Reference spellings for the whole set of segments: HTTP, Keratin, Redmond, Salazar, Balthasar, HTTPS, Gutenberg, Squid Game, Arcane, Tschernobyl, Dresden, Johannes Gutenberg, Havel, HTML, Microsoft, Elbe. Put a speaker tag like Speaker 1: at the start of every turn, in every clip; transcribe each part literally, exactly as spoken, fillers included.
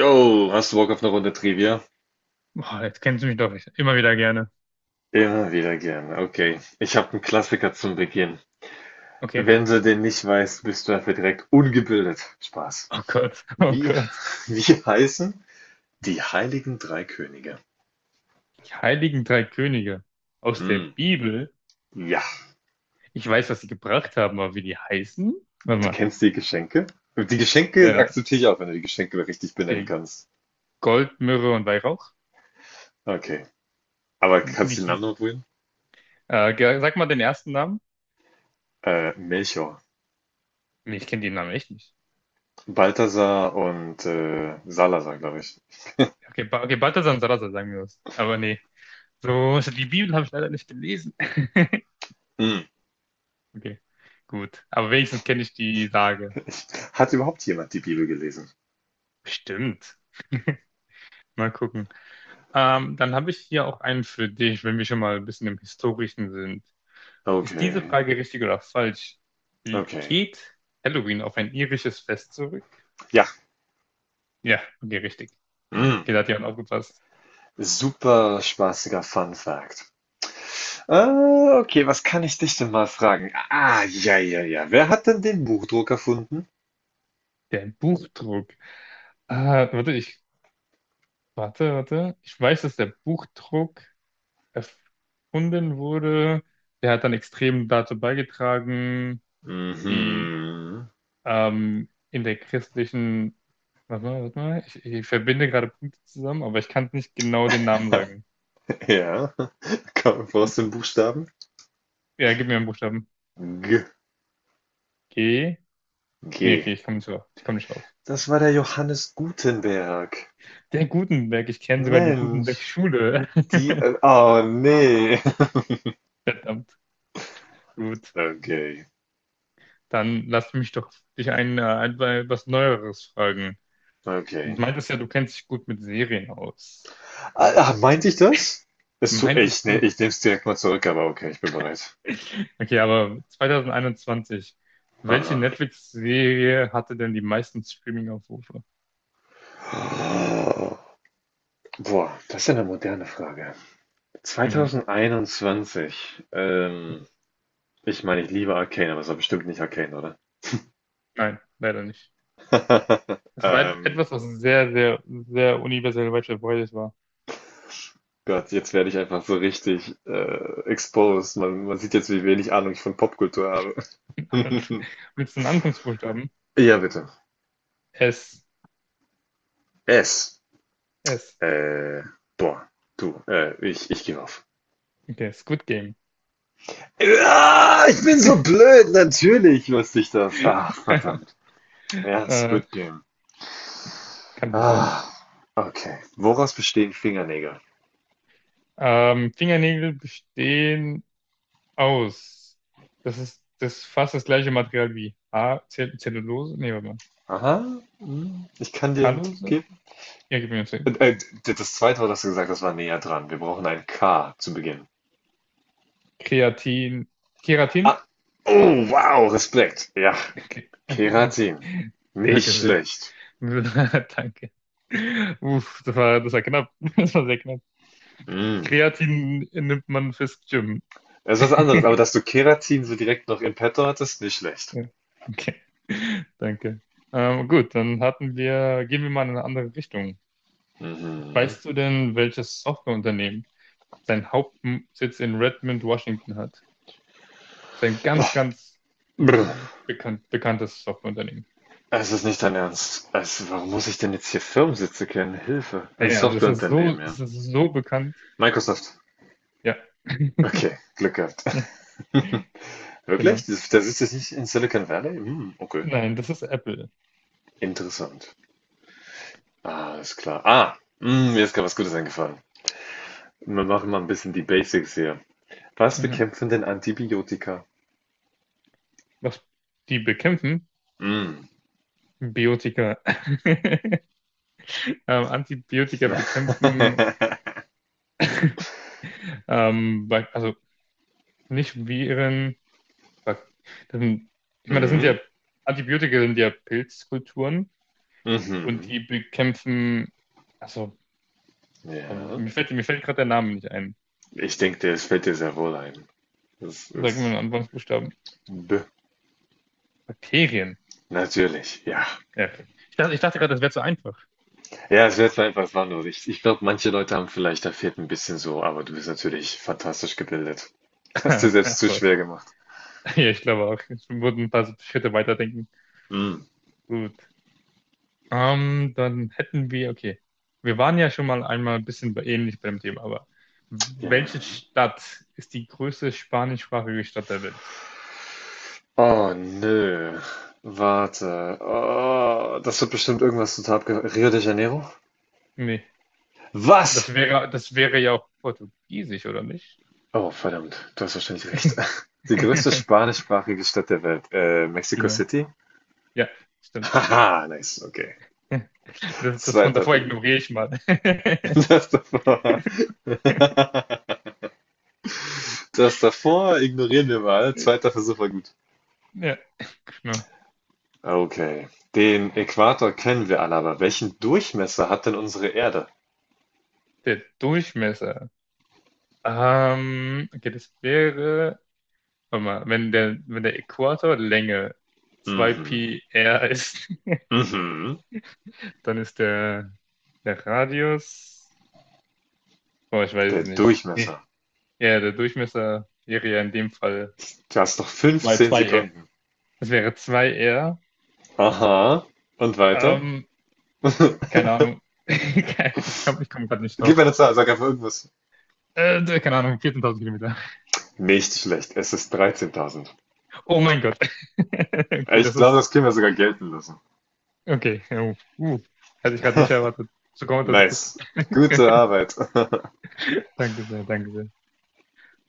Speaker 1: Jo, hast du Bock auf eine Runde Trivia?
Speaker 2: Boah, jetzt kennst du mich doch immer wieder gerne.
Speaker 1: Immer wieder gerne. Okay, ich habe einen Klassiker zum Beginn.
Speaker 2: Okay.
Speaker 1: Wenn du den nicht weißt, bist du dafür direkt ungebildet. Spaß.
Speaker 2: Oh Gott, oh
Speaker 1: Wie,
Speaker 2: Gott.
Speaker 1: wie heißen die Heiligen Drei Könige?
Speaker 2: Die heiligen drei Könige aus der
Speaker 1: Hm,
Speaker 2: Bibel.
Speaker 1: ja,
Speaker 2: Ich weiß, was sie gebracht haben, aber wie die heißen? Warte
Speaker 1: du
Speaker 2: mal.
Speaker 1: kennst die Geschenke? Die Geschenke
Speaker 2: Ja,
Speaker 1: akzeptiere ich auch, wenn du die Geschenke richtig benennen
Speaker 2: okay.
Speaker 1: kannst.
Speaker 2: Gold, Myrrhe und Weihrauch.
Speaker 1: Okay, aber
Speaker 2: Wie
Speaker 1: kannst du den Namen
Speaker 2: hieß?
Speaker 1: noch probieren?
Speaker 2: Äh, ge- sag mal den ersten Namen.
Speaker 1: Äh, Melchior,
Speaker 2: Nee, ich kenne den Namen echt nicht.
Speaker 1: Balthasar und äh, Salazar, glaube ich.
Speaker 2: Okay, ba okay, Balthasar und Salazar, sagen wir das. Aber nee. So, so, die Bibel habe ich leider nicht gelesen.
Speaker 1: Hm.
Speaker 2: Okay, gut. Aber wenigstens kenne ich die Sage.
Speaker 1: Hat überhaupt jemand die Bibel gelesen?
Speaker 2: Bestimmt. Mal gucken. Ähm, dann habe ich hier auch einen für dich, wenn wir schon mal ein bisschen im Historischen sind. Ist diese
Speaker 1: Okay.
Speaker 2: Frage richtig oder falsch?
Speaker 1: Okay.
Speaker 2: Geht Halloween auf ein irisches Fest zurück?
Speaker 1: Ja.
Speaker 2: Ja, okay, richtig.
Speaker 1: Mm.
Speaker 2: Okay, da hat jemand aufgepasst.
Speaker 1: Super spaßiger Fun Fact. Äh, okay, was kann ich dich denn mal fragen? Ah, ja, ja, ja. Wer hat denn den Buchdruck erfunden?
Speaker 2: Der Buchdruck. Ah, warte, ich, warte, warte. Ich weiß, dass der Buchdruck erfunden wurde. Der hat dann extrem dazu beigetragen, die
Speaker 1: Mhm.
Speaker 2: Ähm, in der christlichen, warte mal, warte mal, ich, ich verbinde gerade Punkte zusammen, aber ich kann nicht genau den Namen sagen.
Speaker 1: Ja. Komm, aus den Buchstaben?
Speaker 2: Ja, gib mir einen Buchstaben.
Speaker 1: G.
Speaker 2: G. Nee,
Speaker 1: G.
Speaker 2: okay, ich komme nicht drauf. Ich komme nicht drauf.
Speaker 1: Das war der Johannes Gutenberg.
Speaker 2: Der Gutenberg, ich kenne sogar die
Speaker 1: Mensch.
Speaker 2: Gutenberg-Schule.
Speaker 1: Die. Äh, oh, nee.
Speaker 2: Verdammt. Gut.
Speaker 1: Okay.
Speaker 2: Dann lass mich doch dich ein, äh, ein, äh, was Neueres fragen. Du
Speaker 1: Okay.
Speaker 2: meintest ja, du kennst dich gut mit Serien aus.
Speaker 1: Ah, ah, meinte ich das? Ist zu echt.
Speaker 2: Meintest
Speaker 1: Nee,
Speaker 2: du?
Speaker 1: ich nehme es direkt mal zurück, aber okay, ich bin bereit.
Speaker 2: Okay, aber zwanzig einundzwanzig, welche
Speaker 1: Aha.
Speaker 2: Netflix-Serie hatte denn die meisten Streaming-Aufrufe?
Speaker 1: Ah, boah, das ist ja eine moderne Frage.
Speaker 2: Mhm.
Speaker 1: zwanzig einundzwanzig. Ähm, ich meine, ich liebe Arcane, aber es war bestimmt nicht Arcane, oder?
Speaker 2: Nein, leider nicht. Es war et-
Speaker 1: Ähm,
Speaker 2: etwas, was sehr, sehr, sehr universell weit verbreitet war.
Speaker 1: Gott, jetzt werde ich einfach so richtig äh, exposed. Man, man sieht jetzt, wie wenig Ahnung ich von Popkultur habe.
Speaker 2: Willst du einen Anfangsbuchstaben?
Speaker 1: Ja, bitte.
Speaker 2: S.
Speaker 1: Es.
Speaker 2: S.
Speaker 1: Äh, boah, du, äh, ich, ich gebe auf.
Speaker 2: Okay, Squid Game.
Speaker 1: Ja, ich bin so blöd, natürlich wusste ich das. Ach, verdammt. Ja,
Speaker 2: äh,
Speaker 1: Squid Game.
Speaker 2: kann passieren.
Speaker 1: Ah, okay. Woraus bestehen Fingernägel?
Speaker 2: Ähm, Fingernägel bestehen aus. Das ist das fast das gleiche Material wie A, Zell Zellulose. Nee, warte mal.
Speaker 1: Aha, hm, ich kann dir einen Tipp
Speaker 2: Callose?
Speaker 1: geben.
Speaker 2: Ja, gib mir.
Speaker 1: Äh, äh, d- das zweite Wort hast du gesagt, das war näher dran. Wir brauchen ein K zu Beginn.
Speaker 2: Kreatin. Keratin?
Speaker 1: Ah, oh, wow, Respekt. Ja,
Speaker 2: Okay, okay, okay.
Speaker 1: Keratin.
Speaker 2: Danke
Speaker 1: Nicht
Speaker 2: sehr.
Speaker 1: schlecht.
Speaker 2: Danke. Uff, das war, das war knapp. Das war sehr knapp.
Speaker 1: Hm.
Speaker 2: Kreatin nimmt man fürs Gym.
Speaker 1: Das ist was anderes, aber dass du Keratin so direkt noch im Petto hattest, nicht schlecht.
Speaker 2: Ja, okay. Danke. Ähm, gut, dann hatten wir, gehen wir mal in eine andere Richtung.
Speaker 1: Mhm.
Speaker 2: Weißt du denn, welches Softwareunternehmen seinen Hauptsitz in Redmond, Washington, hat? Das ist ein ganz,
Speaker 1: Oh,
Speaker 2: ganz
Speaker 1: brr.
Speaker 2: be- bekannt, bekanntes Softwareunternehmen.
Speaker 1: Es ist nicht dein Ernst. Also, warum muss ich denn jetzt hier Firmensitze kennen? Hilfe. Ein
Speaker 2: Naja, also es ist so,
Speaker 1: Softwareunternehmen, ja.
Speaker 2: es ist so bekannt.
Speaker 1: Microsoft.
Speaker 2: Ja.
Speaker 1: Okay, Glück gehabt.
Speaker 2: Genau.
Speaker 1: Wirklich? Das, das ist jetzt nicht in Silicon Valley? Hm, okay.
Speaker 2: Nein, das ist Apple.
Speaker 1: Interessant. Alles klar. Ah, hm, mir ist gerade was Gutes eingefallen. Wir machen mal ein bisschen die Basics hier. Was
Speaker 2: Mhm.
Speaker 1: bekämpfen denn Antibiotika?
Speaker 2: Was die bekämpfen?
Speaker 1: Hm.
Speaker 2: Biotika. Ähm, Antibiotika bekämpfen, ähm, Bak- also nicht Viren. Bak Das sind, ich meine, das sind
Speaker 1: Hm,
Speaker 2: ja, Antibiotika sind ja Pilzkulturen und
Speaker 1: mhm.
Speaker 2: die bekämpfen, also, ähm,
Speaker 1: Ja.
Speaker 2: mir fällt, mir fällt gerade der Name nicht ein.
Speaker 1: Ich denke, das fällt dir sehr wohl ein. Das
Speaker 2: Sag mir einen
Speaker 1: ist
Speaker 2: Anfangsbuchstaben.
Speaker 1: B.
Speaker 2: Bakterien.
Speaker 1: Natürlich, ja.
Speaker 2: Ja, okay. Ich dachte, ich dachte gerade, das wäre zu einfach.
Speaker 1: Ja, es wird mal etwas wandeln. Ich, ich glaube, manche Leute haben vielleicht, da fehlt ein bisschen so, aber du bist natürlich fantastisch gebildet. Hast dir selbst
Speaker 2: Ach
Speaker 1: zu
Speaker 2: was.
Speaker 1: schwer gemacht.
Speaker 2: Ja, ich glaube auch. Es wurden ein paar so Schritte weiterdenken.
Speaker 1: Hm.
Speaker 2: Gut. Ähm, dann hätten wir, okay. Wir waren ja schon mal einmal ein bisschen bei- ähnlich beim Thema, aber welche
Speaker 1: Ja.
Speaker 2: Stadt ist die größte spanischsprachige Stadt der Welt?
Speaker 1: Oh nö. Warte. Oh, das wird bestimmt irgendwas total abge... Rio de Janeiro?
Speaker 2: Nee.
Speaker 1: Was?
Speaker 2: Das wäre, das wäre ja auch Portugiesisch, oder nicht?
Speaker 1: Oh, verdammt. Du hast wahrscheinlich recht. Die größte spanischsprachige Stadt der Welt. Äh, Mexico
Speaker 2: Genau.
Speaker 1: City?
Speaker 2: Ja, stimmt.
Speaker 1: Haha, nice. Okay.
Speaker 2: Das, das von
Speaker 1: Zweiter
Speaker 2: davor,
Speaker 1: Versuch.
Speaker 2: ignoriere ich mal.
Speaker 1: Das davor. Das davor ignorieren wir mal. Zweiter Versuch war gut.
Speaker 2: Ja, genau.
Speaker 1: Okay. Den Äquator kennen wir alle, aber welchen Durchmesser hat denn unsere Erde?
Speaker 2: Der Durchmesser. Ähm, okay, das wäre. Warte mal, wenn der, wenn der Äquator Länge
Speaker 1: Mhm.
Speaker 2: zwei pi r ist,
Speaker 1: Mhm.
Speaker 2: dann ist der, der Radius, oh, ich weiß
Speaker 1: Der
Speaker 2: es nicht. Nee.
Speaker 1: Durchmesser.
Speaker 2: Ja, der Durchmesser wäre ja in dem Fall
Speaker 1: Du hast noch
Speaker 2: zwei
Speaker 1: fünfzehn
Speaker 2: zwei r.
Speaker 1: Sekunden.
Speaker 2: Das wäre zwei r.
Speaker 1: Aha. Und weiter?
Speaker 2: Ähm, keine Ahnung. Ich komme ich komm gerade nicht
Speaker 1: Gib mir
Speaker 2: drauf.
Speaker 1: eine Zahl, sag einfach irgendwas.
Speaker 2: Äh, keine Ahnung, vierzehntausend Kilometer.
Speaker 1: Nicht schlecht, es ist dreizehntausend.
Speaker 2: Oh mein Gott. Okay,
Speaker 1: Ich
Speaker 2: das
Speaker 1: glaube,
Speaker 2: ist,
Speaker 1: das können wir sogar gelten lassen.
Speaker 2: okay. Uh, uh, hatte ich gerade nicht erwartet. So kommt der Druck.
Speaker 1: Nice. Gute Arbeit.
Speaker 2: Danke sehr, danke sehr.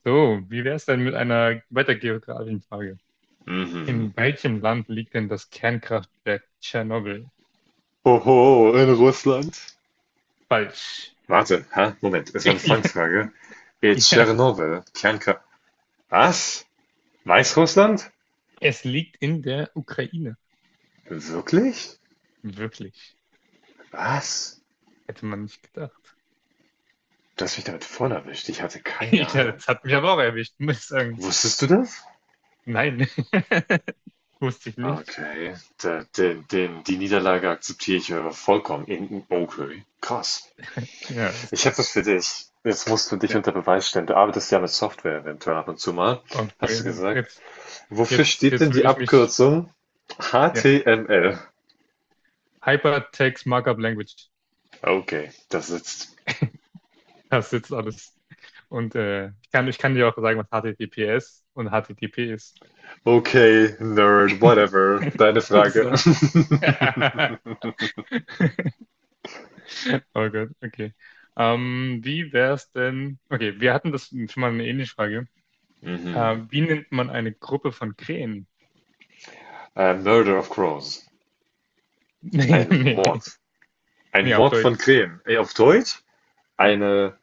Speaker 2: So, wie wäre es denn mit einer weiter geografischen Frage?
Speaker 1: Mhm.
Speaker 2: In welchem Land liegt denn das Kernkraftwerk Tschernobyl?
Speaker 1: Oho, in Russland?
Speaker 2: Falsch.
Speaker 1: Warte, ha, Moment, es war eine Fangfrage. In
Speaker 2: Ja,
Speaker 1: Tschernobyl, Kernkraft. Was? Weißrussland?
Speaker 2: es liegt in der Ukraine.
Speaker 1: Wirklich?
Speaker 2: Wirklich.
Speaker 1: Was?
Speaker 2: Hätte man nicht gedacht.
Speaker 1: Du hast mich damit voll erwischt, ich hatte keine
Speaker 2: Ich,
Speaker 1: Ahnung.
Speaker 2: das hat mich aber auch erwischt, muss ich sagen.
Speaker 1: Wusstest du das?
Speaker 2: Nein. Wusste ich nicht.
Speaker 1: Okay, da, den, den, die Niederlage akzeptiere ich äh, vollkommen. In- Okay, krass.
Speaker 2: Ja, das ist
Speaker 1: Ich habe
Speaker 2: krass.
Speaker 1: was für dich. Jetzt musst du dich
Speaker 2: Ja.
Speaker 1: unter Beweis stellen. Du arbeitest ja mit Software eventuell ab und zu mal, hast du
Speaker 2: Okay,
Speaker 1: gesagt.
Speaker 2: jetzt,
Speaker 1: Wofür
Speaker 2: jetzt,
Speaker 1: steht
Speaker 2: jetzt
Speaker 1: denn
Speaker 2: will
Speaker 1: die
Speaker 2: ich mich.
Speaker 1: Abkürzung
Speaker 2: Ja.
Speaker 1: H T M L?
Speaker 2: Hypertext Markup Language.
Speaker 1: Okay, das ist.
Speaker 2: Das sitzt alles. Und äh, ich kann, ich kann dir auch sagen, was H T T P S und H T T P ist.
Speaker 1: Okay, Nerd, whatever. Deine Frage.
Speaker 2: So. Oh Gott, okay. Ähm, wie wär's denn? Okay, wir hatten das schon mal, eine ähnliche Frage.
Speaker 1: Mhm.
Speaker 2: Ähm, wie nennt man eine Gruppe von Krähen?
Speaker 1: Äh, Murder of Crows.
Speaker 2: Nee,
Speaker 1: Ein
Speaker 2: nee,
Speaker 1: Mord. Ein
Speaker 2: nee, auf
Speaker 1: Mord von
Speaker 2: Deutsch.
Speaker 1: Krähen. Ey, auf Deutsch?
Speaker 2: Ja.
Speaker 1: Eine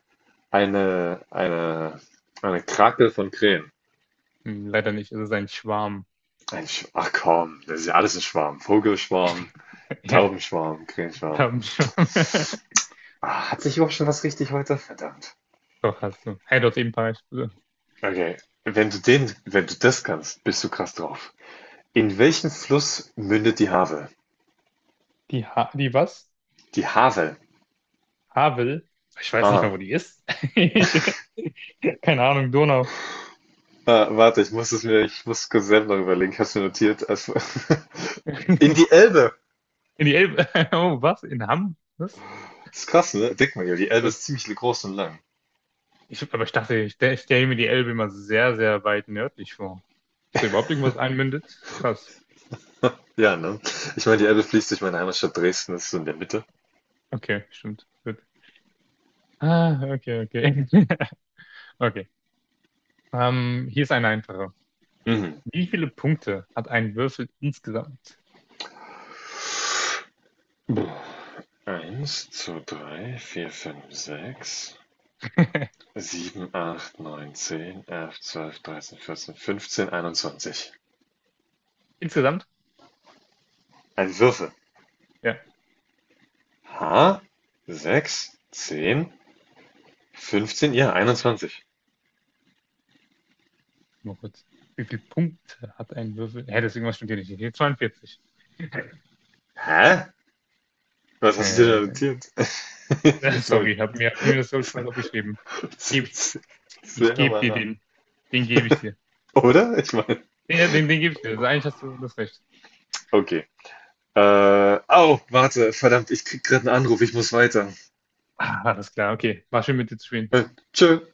Speaker 1: Eine eine eine Krake von Krähen.
Speaker 2: Hm, Leider nicht, es ist ein Schwarm.
Speaker 1: Ein Sch ach komm, das ist ja alles ein Schwarm. Vogelschwarm,
Speaker 2: Ja,
Speaker 1: Taubenschwarm,
Speaker 2: da
Speaker 1: Krähenschwarm.
Speaker 2: haben wir schon.
Speaker 1: Ah, Hat sich überhaupt schon was richtig heute? Verdammt.
Speaker 2: Doch, hast du. Hey, dort eben paar.
Speaker 1: Okay, wenn du den wenn du das kannst, bist du krass drauf. In welchen Fluss mündet die Havel?
Speaker 2: Die, ha die was?
Speaker 1: Die Havel.
Speaker 2: Havel, ich weiß nicht mal,
Speaker 1: Ah.
Speaker 2: wo die ist. Ich, keine Ahnung, Donau.
Speaker 1: Ah, warte, ich muss es mir ich muss kurz selber noch überlegen. Ich habe mir notiert. Also, in
Speaker 2: In
Speaker 1: die Elbe.
Speaker 2: die Elbe. Oh, was? In Hamm? Was?
Speaker 1: Das Ist krass, ne? Denk mal, ja, die Elbe
Speaker 2: Das,
Speaker 1: ist ziemlich groß und lang.
Speaker 2: ich, aber ich dachte, ich, stell- ich stelle mir die Elbe immer sehr, sehr weit nördlich vor. Ist da überhaupt irgendwas einmündet? Ist krass.
Speaker 1: Ja, ne? Ich meine, die Elbe fließt durch meine Heimatstadt Dresden, das ist so in der Mitte.
Speaker 2: Okay, stimmt. Gut. Ah, okay, okay. Okay. Ähm, hier ist eine einfache.
Speaker 1: Mhm.
Speaker 2: Wie viele Punkte hat ein Würfel insgesamt?
Speaker 1: Eins, zwei, drei, vier, fünf, sechs, sieben, acht, neun, zehn, elf, zwölf, dreizehn, vierzehn, fünfzehn, einundzwanzig.
Speaker 2: Insgesamt?
Speaker 1: Ein Würfel.
Speaker 2: Ja,
Speaker 1: H, sechs, zehn, fünfzehn, ja, einundzwanzig.
Speaker 2: nur kurz. Wie viele Punkte hat ein Würfel? Hä, deswegen, was stimmt hier nicht. Hier zweiundvierzig.
Speaker 1: Hä? Was hast du denn da notiert?
Speaker 2: Sorry,
Speaker 1: Moment,
Speaker 2: ich habe mir, hab mir das so schwer aufgeschrieben. Geb, ich
Speaker 1: Sehr
Speaker 2: gebe
Speaker 1: nochmal
Speaker 2: dir
Speaker 1: nach.
Speaker 2: den. Den gebe ich dir.
Speaker 1: Oder? Ich meine,
Speaker 2: Den, den, den gebe ich dir. Also eigentlich hast du das Recht.
Speaker 1: okay. Äh, au, warte, verdammt, ich krieg gerade einen Anruf, ich muss weiter.
Speaker 2: Ah, alles klar, okay. War schön mit dir zu spielen.
Speaker 1: Äh, tschö.